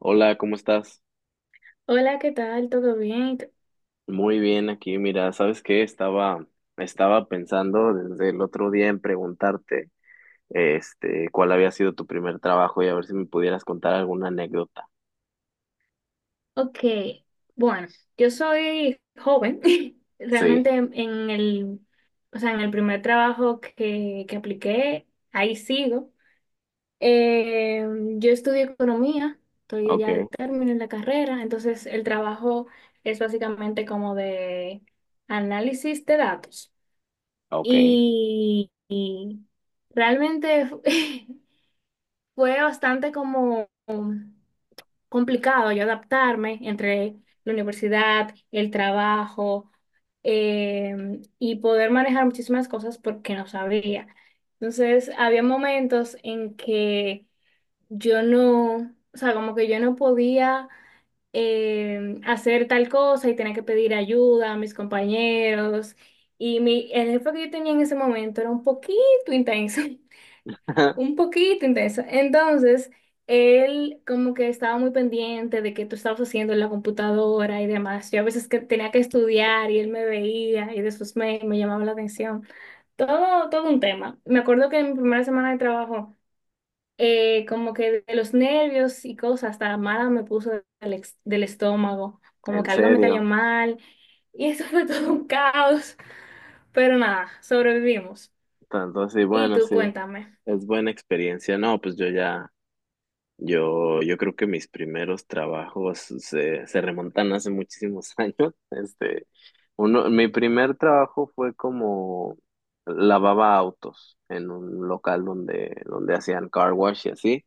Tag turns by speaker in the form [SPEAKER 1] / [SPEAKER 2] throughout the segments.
[SPEAKER 1] Hola, ¿cómo estás?
[SPEAKER 2] Hola, ¿qué tal? ¿Todo bien?
[SPEAKER 1] Muy bien aquí. Mira, ¿sabes qué? Estaba pensando desde el otro día en preguntarte, cuál había sido tu primer trabajo y a ver si me pudieras contar alguna anécdota.
[SPEAKER 2] Ok, bueno, yo soy joven.
[SPEAKER 1] Sí,
[SPEAKER 2] Realmente o sea, en el primer trabajo que apliqué, ahí sigo. Eh, yo estudio economía, estoy
[SPEAKER 1] ok,
[SPEAKER 2] ya de término en la carrera, entonces el trabajo es básicamente como de análisis de datos.
[SPEAKER 1] ok.
[SPEAKER 2] Y realmente fue bastante como complicado yo adaptarme entre la universidad, el trabajo y poder manejar muchísimas cosas porque no sabía. Entonces, había momentos en que yo no, o sea, como que yo no podía hacer tal cosa y tenía que pedir ayuda a mis compañeros. Y mi, el jefe que yo tenía en ese momento era un poquito intenso. Un poquito intenso. Entonces, él como que estaba muy pendiente de que tú estabas haciendo en la computadora y demás. Yo a veces que tenía que estudiar y él me veía y de sus mails me llamaba la atención. Todo, todo un tema. Me acuerdo que en mi primera semana de trabajo, como que de los nervios y cosas, hasta mala me puso del estómago, como
[SPEAKER 1] En
[SPEAKER 2] que algo me cayó
[SPEAKER 1] serio.
[SPEAKER 2] mal y eso fue todo un caos. Pero nada, sobrevivimos.
[SPEAKER 1] Entonces, sí,
[SPEAKER 2] Y
[SPEAKER 1] bueno,
[SPEAKER 2] tú
[SPEAKER 1] sí,
[SPEAKER 2] cuéntame.
[SPEAKER 1] es buena experiencia. No, pues yo ya. Yo creo que mis primeros trabajos se remontan hace muchísimos años. Uno, mi primer trabajo fue como lavaba autos en un local donde hacían car wash y así.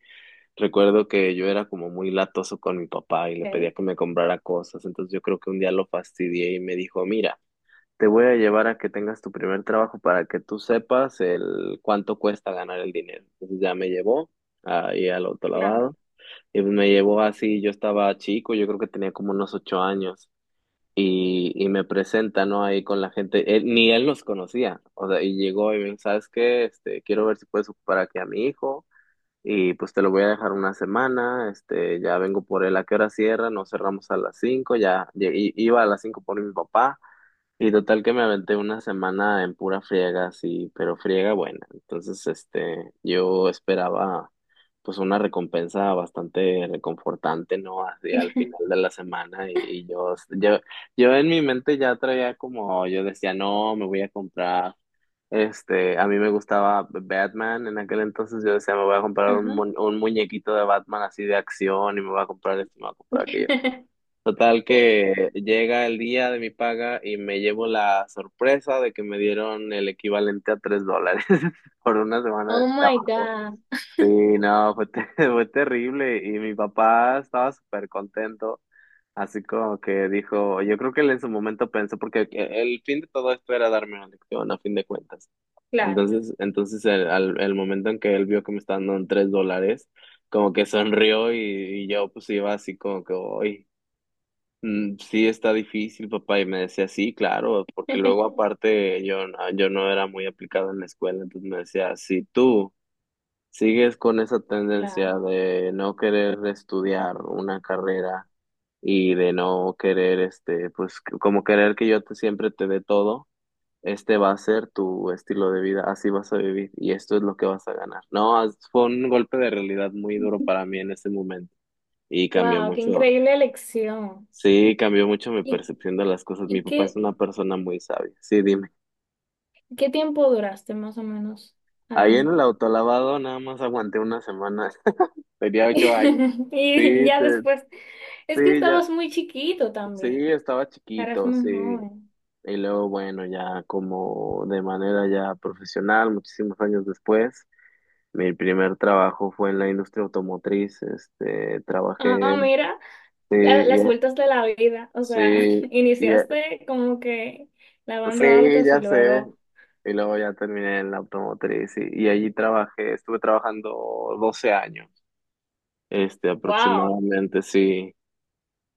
[SPEAKER 1] Recuerdo que yo era como muy latoso con mi papá y le pedía
[SPEAKER 2] Ok,
[SPEAKER 1] que me comprara cosas. Entonces yo creo que un día lo fastidié y me dijo, mira, te voy a llevar a que tengas tu primer trabajo para que tú sepas el cuánto cuesta ganar el dinero. Entonces ya me llevó ahí al
[SPEAKER 2] claro.
[SPEAKER 1] autolavado y me llevó así, yo estaba chico, yo creo que tenía como unos 8 años, y me presenta, ¿no? Ahí con la gente, ni él los conocía, o sea, y llegó y me dijo, ¿sabes qué? Quiero ver si puedes ocupar aquí a mi hijo, y pues te lo voy a dejar una semana, ya vengo por él. ¿A qué hora cierran? Nos cerramos a las 5. Ya, iba a las 5 por mi papá, y total que me aventé una semana en pura friega, sí, pero friega buena. Entonces, yo esperaba pues una recompensa bastante reconfortante, ¿no? Así al final de la semana y yo en mi mente ya traía como, yo decía, no, me voy a comprar, a mí me gustaba Batman en aquel entonces. Yo decía, me voy a comprar
[SPEAKER 2] Ajá.
[SPEAKER 1] un muñequito de Batman así de acción, y me voy a comprar esto, me voy a comprar aquello. Total que llega el día de mi paga y me llevo la sorpresa de que me dieron el equivalente a $3 por una semana de
[SPEAKER 2] Oh my
[SPEAKER 1] trabajo.
[SPEAKER 2] God,
[SPEAKER 1] Sí, no, fue, fue terrible, y mi papá estaba súper contento, así como que dijo, yo creo que él en su momento pensó, porque el fin de todo esto era darme una lección a fin de cuentas.
[SPEAKER 2] claro,
[SPEAKER 1] Entonces el momento en que él vio que me estaban dando $3, como que sonrió, y yo pues iba así como que, hoy, mm, sí, está difícil, papá. Y me decía, sí, claro, porque luego aparte yo, yo no era muy aplicado en la escuela, entonces me decía, si tú sigues con esa tendencia
[SPEAKER 2] claro.
[SPEAKER 1] de no querer estudiar una carrera y de no querer, pues como querer que siempre te dé todo, este va a ser tu estilo de vida, así vas a vivir, y esto es lo que vas a ganar. No, fue un golpe de realidad muy duro para mí en ese momento, y cambió
[SPEAKER 2] Wow, qué
[SPEAKER 1] mucho.
[SPEAKER 2] increíble elección.
[SPEAKER 1] Sí, cambió mucho mi
[SPEAKER 2] ¿Y,
[SPEAKER 1] percepción de las cosas. Mi
[SPEAKER 2] y
[SPEAKER 1] papá es
[SPEAKER 2] qué,
[SPEAKER 1] una persona muy sabia. Sí, dime.
[SPEAKER 2] qué tiempo duraste más o menos
[SPEAKER 1] Ahí en
[SPEAKER 2] ahí?
[SPEAKER 1] el autolavado nada más aguanté una semana. Tenía 8 años.
[SPEAKER 2] Y
[SPEAKER 1] Sí,
[SPEAKER 2] ya después, es que
[SPEAKER 1] sí, ya,
[SPEAKER 2] estabas muy chiquito
[SPEAKER 1] sí,
[SPEAKER 2] también,
[SPEAKER 1] estaba
[SPEAKER 2] eras
[SPEAKER 1] chiquito,
[SPEAKER 2] muy
[SPEAKER 1] sí.
[SPEAKER 2] joven.
[SPEAKER 1] Y luego, bueno, ya como de manera ya profesional, muchísimos años después, mi primer trabajo fue en la industria automotriz.
[SPEAKER 2] Ah,
[SPEAKER 1] Trabajé,
[SPEAKER 2] mira,
[SPEAKER 1] sí, y,
[SPEAKER 2] las vueltas de la vida, o sea,
[SPEAKER 1] sí, y,
[SPEAKER 2] iniciaste como que lavando
[SPEAKER 1] sí,
[SPEAKER 2] autos y
[SPEAKER 1] ya sé.
[SPEAKER 2] luego,
[SPEAKER 1] Y luego ya terminé en la automotriz, y allí trabajé, estuve trabajando 12 años,
[SPEAKER 2] wow.
[SPEAKER 1] aproximadamente, sí,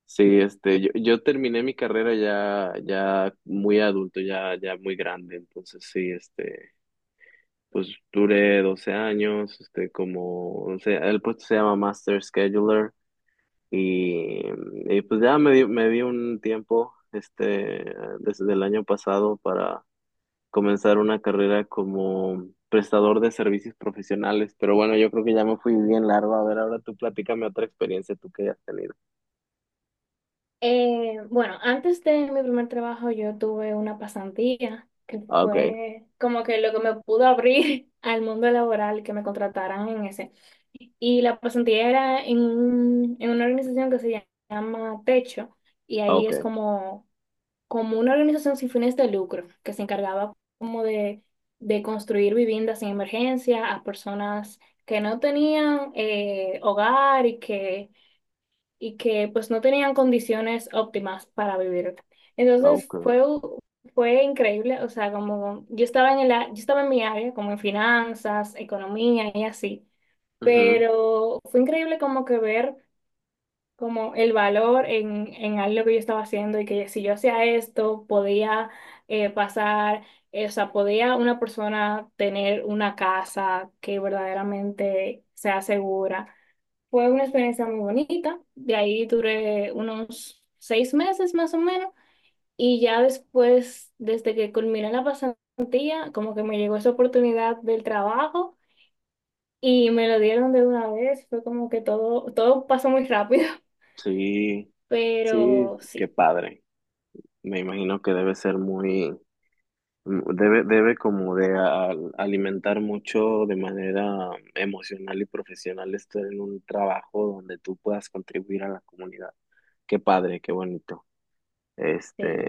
[SPEAKER 1] sí, yo, yo terminé mi carrera ya, ya muy adulto, ya, ya muy grande. Entonces sí, pues duré 12 años, como, o sea, el puesto se llama Master Scheduler, y, y pues ya me di un tiempo, desde el año pasado, para comenzar una carrera como prestador de servicios profesionales. Pero bueno, yo creo que ya me fui bien largo. A ver, ahora tú platícame otra experiencia tú que hayas tenido.
[SPEAKER 2] Bueno, antes de mi primer trabajo yo tuve una pasantía que
[SPEAKER 1] Ah, ok,
[SPEAKER 2] fue como que lo que me pudo abrir al mundo laboral, que me contrataran en ese. Y la pasantía era en una organización que se llama Techo, y
[SPEAKER 1] ah,
[SPEAKER 2] ahí
[SPEAKER 1] ok,
[SPEAKER 2] es como, como una organización sin fines de lucro, que se encargaba como de construir viviendas en emergencia a personas que no tenían hogar y que pues no tenían condiciones óptimas para vivir.
[SPEAKER 1] ah,
[SPEAKER 2] Entonces
[SPEAKER 1] ok.
[SPEAKER 2] fue increíble, o sea, como yo estaba en yo estaba en mi área, como en finanzas, economía y así,
[SPEAKER 1] Ujú.
[SPEAKER 2] pero fue increíble como que ver como el valor en algo que yo estaba haciendo y que si yo hacía esto, podía pasar, o sea, podía una persona tener una casa que verdaderamente sea segura. Fue una experiencia muy bonita. De ahí duré unos 6 meses más o menos. Y ya después, desde que culminé la pasantía, como que me llegó esa oportunidad del trabajo y me lo dieron de una vez. Fue como que todo, todo pasó muy rápido.
[SPEAKER 1] Sí, sí,
[SPEAKER 2] Pero
[SPEAKER 1] qué
[SPEAKER 2] sí,
[SPEAKER 1] padre. Me imagino que debe ser muy, debe como de alimentar mucho de manera emocional y profesional estar en un trabajo donde tú puedas contribuir a la comunidad. Qué padre, qué bonito. Este,
[SPEAKER 2] sí,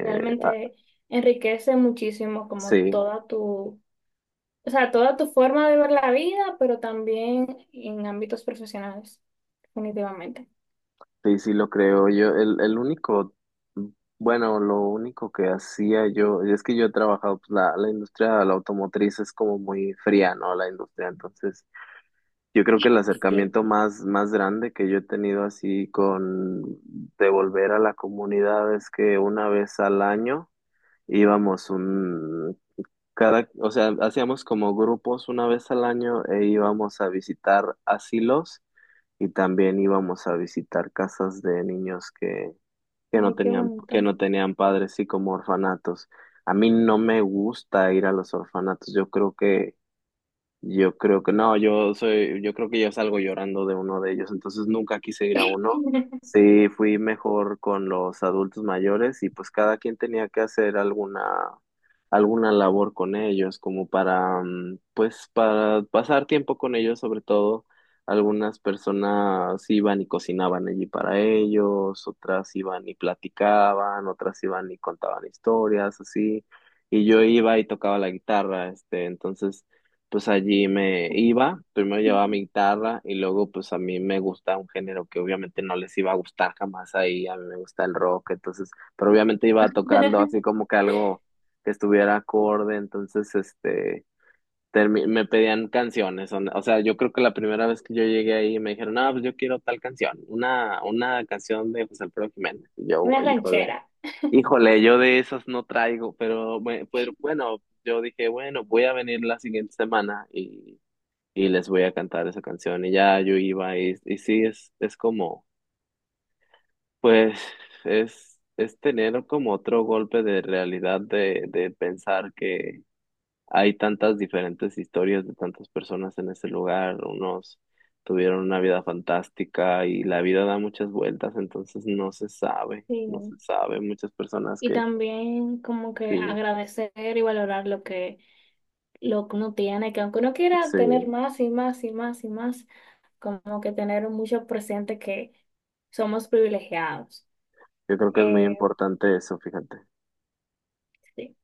[SPEAKER 1] ah,
[SPEAKER 2] realmente enriquece muchísimo como
[SPEAKER 1] sí.
[SPEAKER 2] toda tu, o sea, toda tu forma de ver la vida, pero también en ámbitos profesionales, definitivamente.
[SPEAKER 1] Sí, sí, lo creo. Yo, el único, bueno, lo único que hacía yo, es que yo he trabajado, pues, la industria de la automotriz es como muy fría, ¿no? La industria. Entonces, yo creo que el, sí,
[SPEAKER 2] Sí.
[SPEAKER 1] acercamiento más, más grande que yo he tenido así con devolver a la comunidad, es que una vez al año íbamos un, cada, o sea, hacíamos como grupos una vez al año, e íbamos a visitar asilos, y también íbamos a visitar casas de niños que que no
[SPEAKER 2] Ay, qué
[SPEAKER 1] tenían, que
[SPEAKER 2] bonito.
[SPEAKER 1] no tenían padres, y como orfanatos. A mí no me gusta ir a los orfanatos. Yo creo que no, yo soy, yo creo que yo salgo llorando de uno de ellos, entonces nunca quise ir a uno. Sí, fui mejor con los adultos mayores, y pues cada quien tenía que hacer alguna, alguna labor con ellos, como para, pues para pasar tiempo con ellos. Sobre todo, algunas personas iban y cocinaban allí para ellos, otras iban y platicaban, otras iban y contaban historias, así. Y yo iba y tocaba la guitarra. Entonces pues allí me iba, primero llevaba mi guitarra, y luego, pues a mí me gusta un género que obviamente no les iba a gustar jamás ahí, a mí me gusta el rock. Entonces, pero obviamente iba tocando así como que algo que estuviera acorde, entonces me pedían canciones, o sea, yo creo que la primera vez que yo llegué ahí, me dijeron, ah, pues yo quiero tal canción, una canción de José Alfredo Jiménez, y yo,
[SPEAKER 2] Una
[SPEAKER 1] híjole.
[SPEAKER 2] ranchera.
[SPEAKER 1] Híjole, yo de esas no traigo, pero, pero bueno, yo dije, bueno, voy a venir la siguiente semana, y les voy a cantar esa canción. Y ya yo iba, y sí, es como, pues, es tener como otro golpe de realidad de pensar que hay tantas diferentes historias de tantas personas en ese lugar. Unos tuvieron una vida fantástica, y la vida da muchas vueltas, entonces no se sabe,
[SPEAKER 2] Sí,
[SPEAKER 1] no se sabe. Muchas personas
[SPEAKER 2] y
[SPEAKER 1] que,
[SPEAKER 2] también como que
[SPEAKER 1] que
[SPEAKER 2] agradecer y valorar lo que uno tiene, que aunque uno quiera tener
[SPEAKER 1] sí,
[SPEAKER 2] más y más y más y más, como que tener mucho presente que somos privilegiados.
[SPEAKER 1] yo creo que es muy
[SPEAKER 2] Eh,
[SPEAKER 1] importante eso, fíjate.
[SPEAKER 2] sí.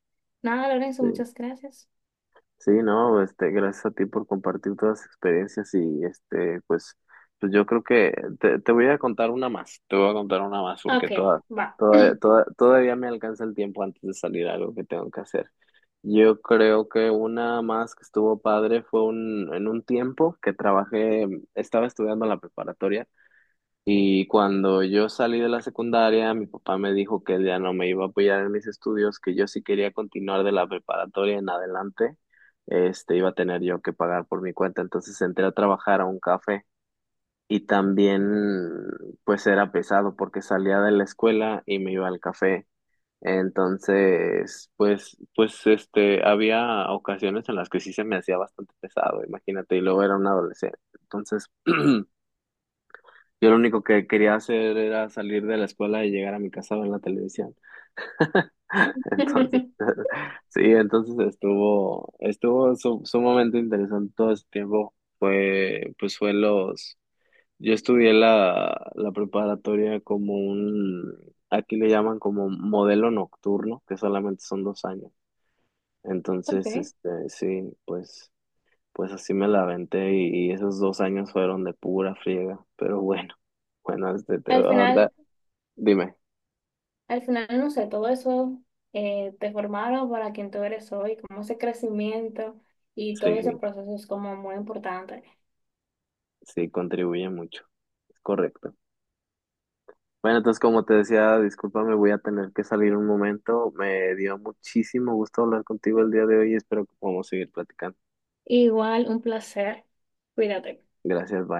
[SPEAKER 2] Nada, Lorenzo,
[SPEAKER 1] Sí.
[SPEAKER 2] muchas gracias.
[SPEAKER 1] Sí, no, gracias a ti por compartir todas las experiencias, y pues, pues yo creo que te voy a contar una más, te voy a contar una más, porque
[SPEAKER 2] Ok, va.
[SPEAKER 1] todavía me alcanza el tiempo antes de salir a algo que tengo que hacer. Yo creo que una más que estuvo padre fue en un tiempo que trabajé, estaba estudiando la preparatoria, y cuando yo salí de la secundaria, mi papá me dijo que él ya no me iba a apoyar en mis estudios, que yo si quería continuar de la preparatoria en adelante, iba a tener yo que pagar por mi cuenta. Entonces entré a trabajar a un café, y también pues era pesado, porque salía de la escuela y me iba al café. Entonces, pues, había ocasiones en las que sí se me hacía bastante pesado, imagínate, y luego era un adolescente. Entonces, yo lo único que quería hacer era salir de la escuela y llegar a mi casa a ver la televisión. Entonces, sí, entonces estuvo, sumamente interesante todo ese tiempo. Fue, pues fue los, yo estudié la preparatoria como un, aquí le llaman como modelo nocturno, que solamente son 2 años. Entonces,
[SPEAKER 2] Ok.
[SPEAKER 1] sí, pues, pues así me la aventé, y esos 2 años fueron de pura friega, pero bueno. Bueno,
[SPEAKER 2] Al final.
[SPEAKER 1] dime,
[SPEAKER 2] Al final, no sé, todo eso te formaron para quien tú eres hoy, como ese crecimiento y todo ese
[SPEAKER 1] sí,
[SPEAKER 2] proceso es como muy importante.
[SPEAKER 1] sí, contribuye mucho. Es correcto. Bueno, entonces como te decía, discúlpame, voy a tener que salir un momento. Me dio muchísimo gusto hablar contigo el día de hoy, y espero que podamos seguir platicando.
[SPEAKER 2] Igual, un placer. Cuídate.
[SPEAKER 1] Gracias, bye.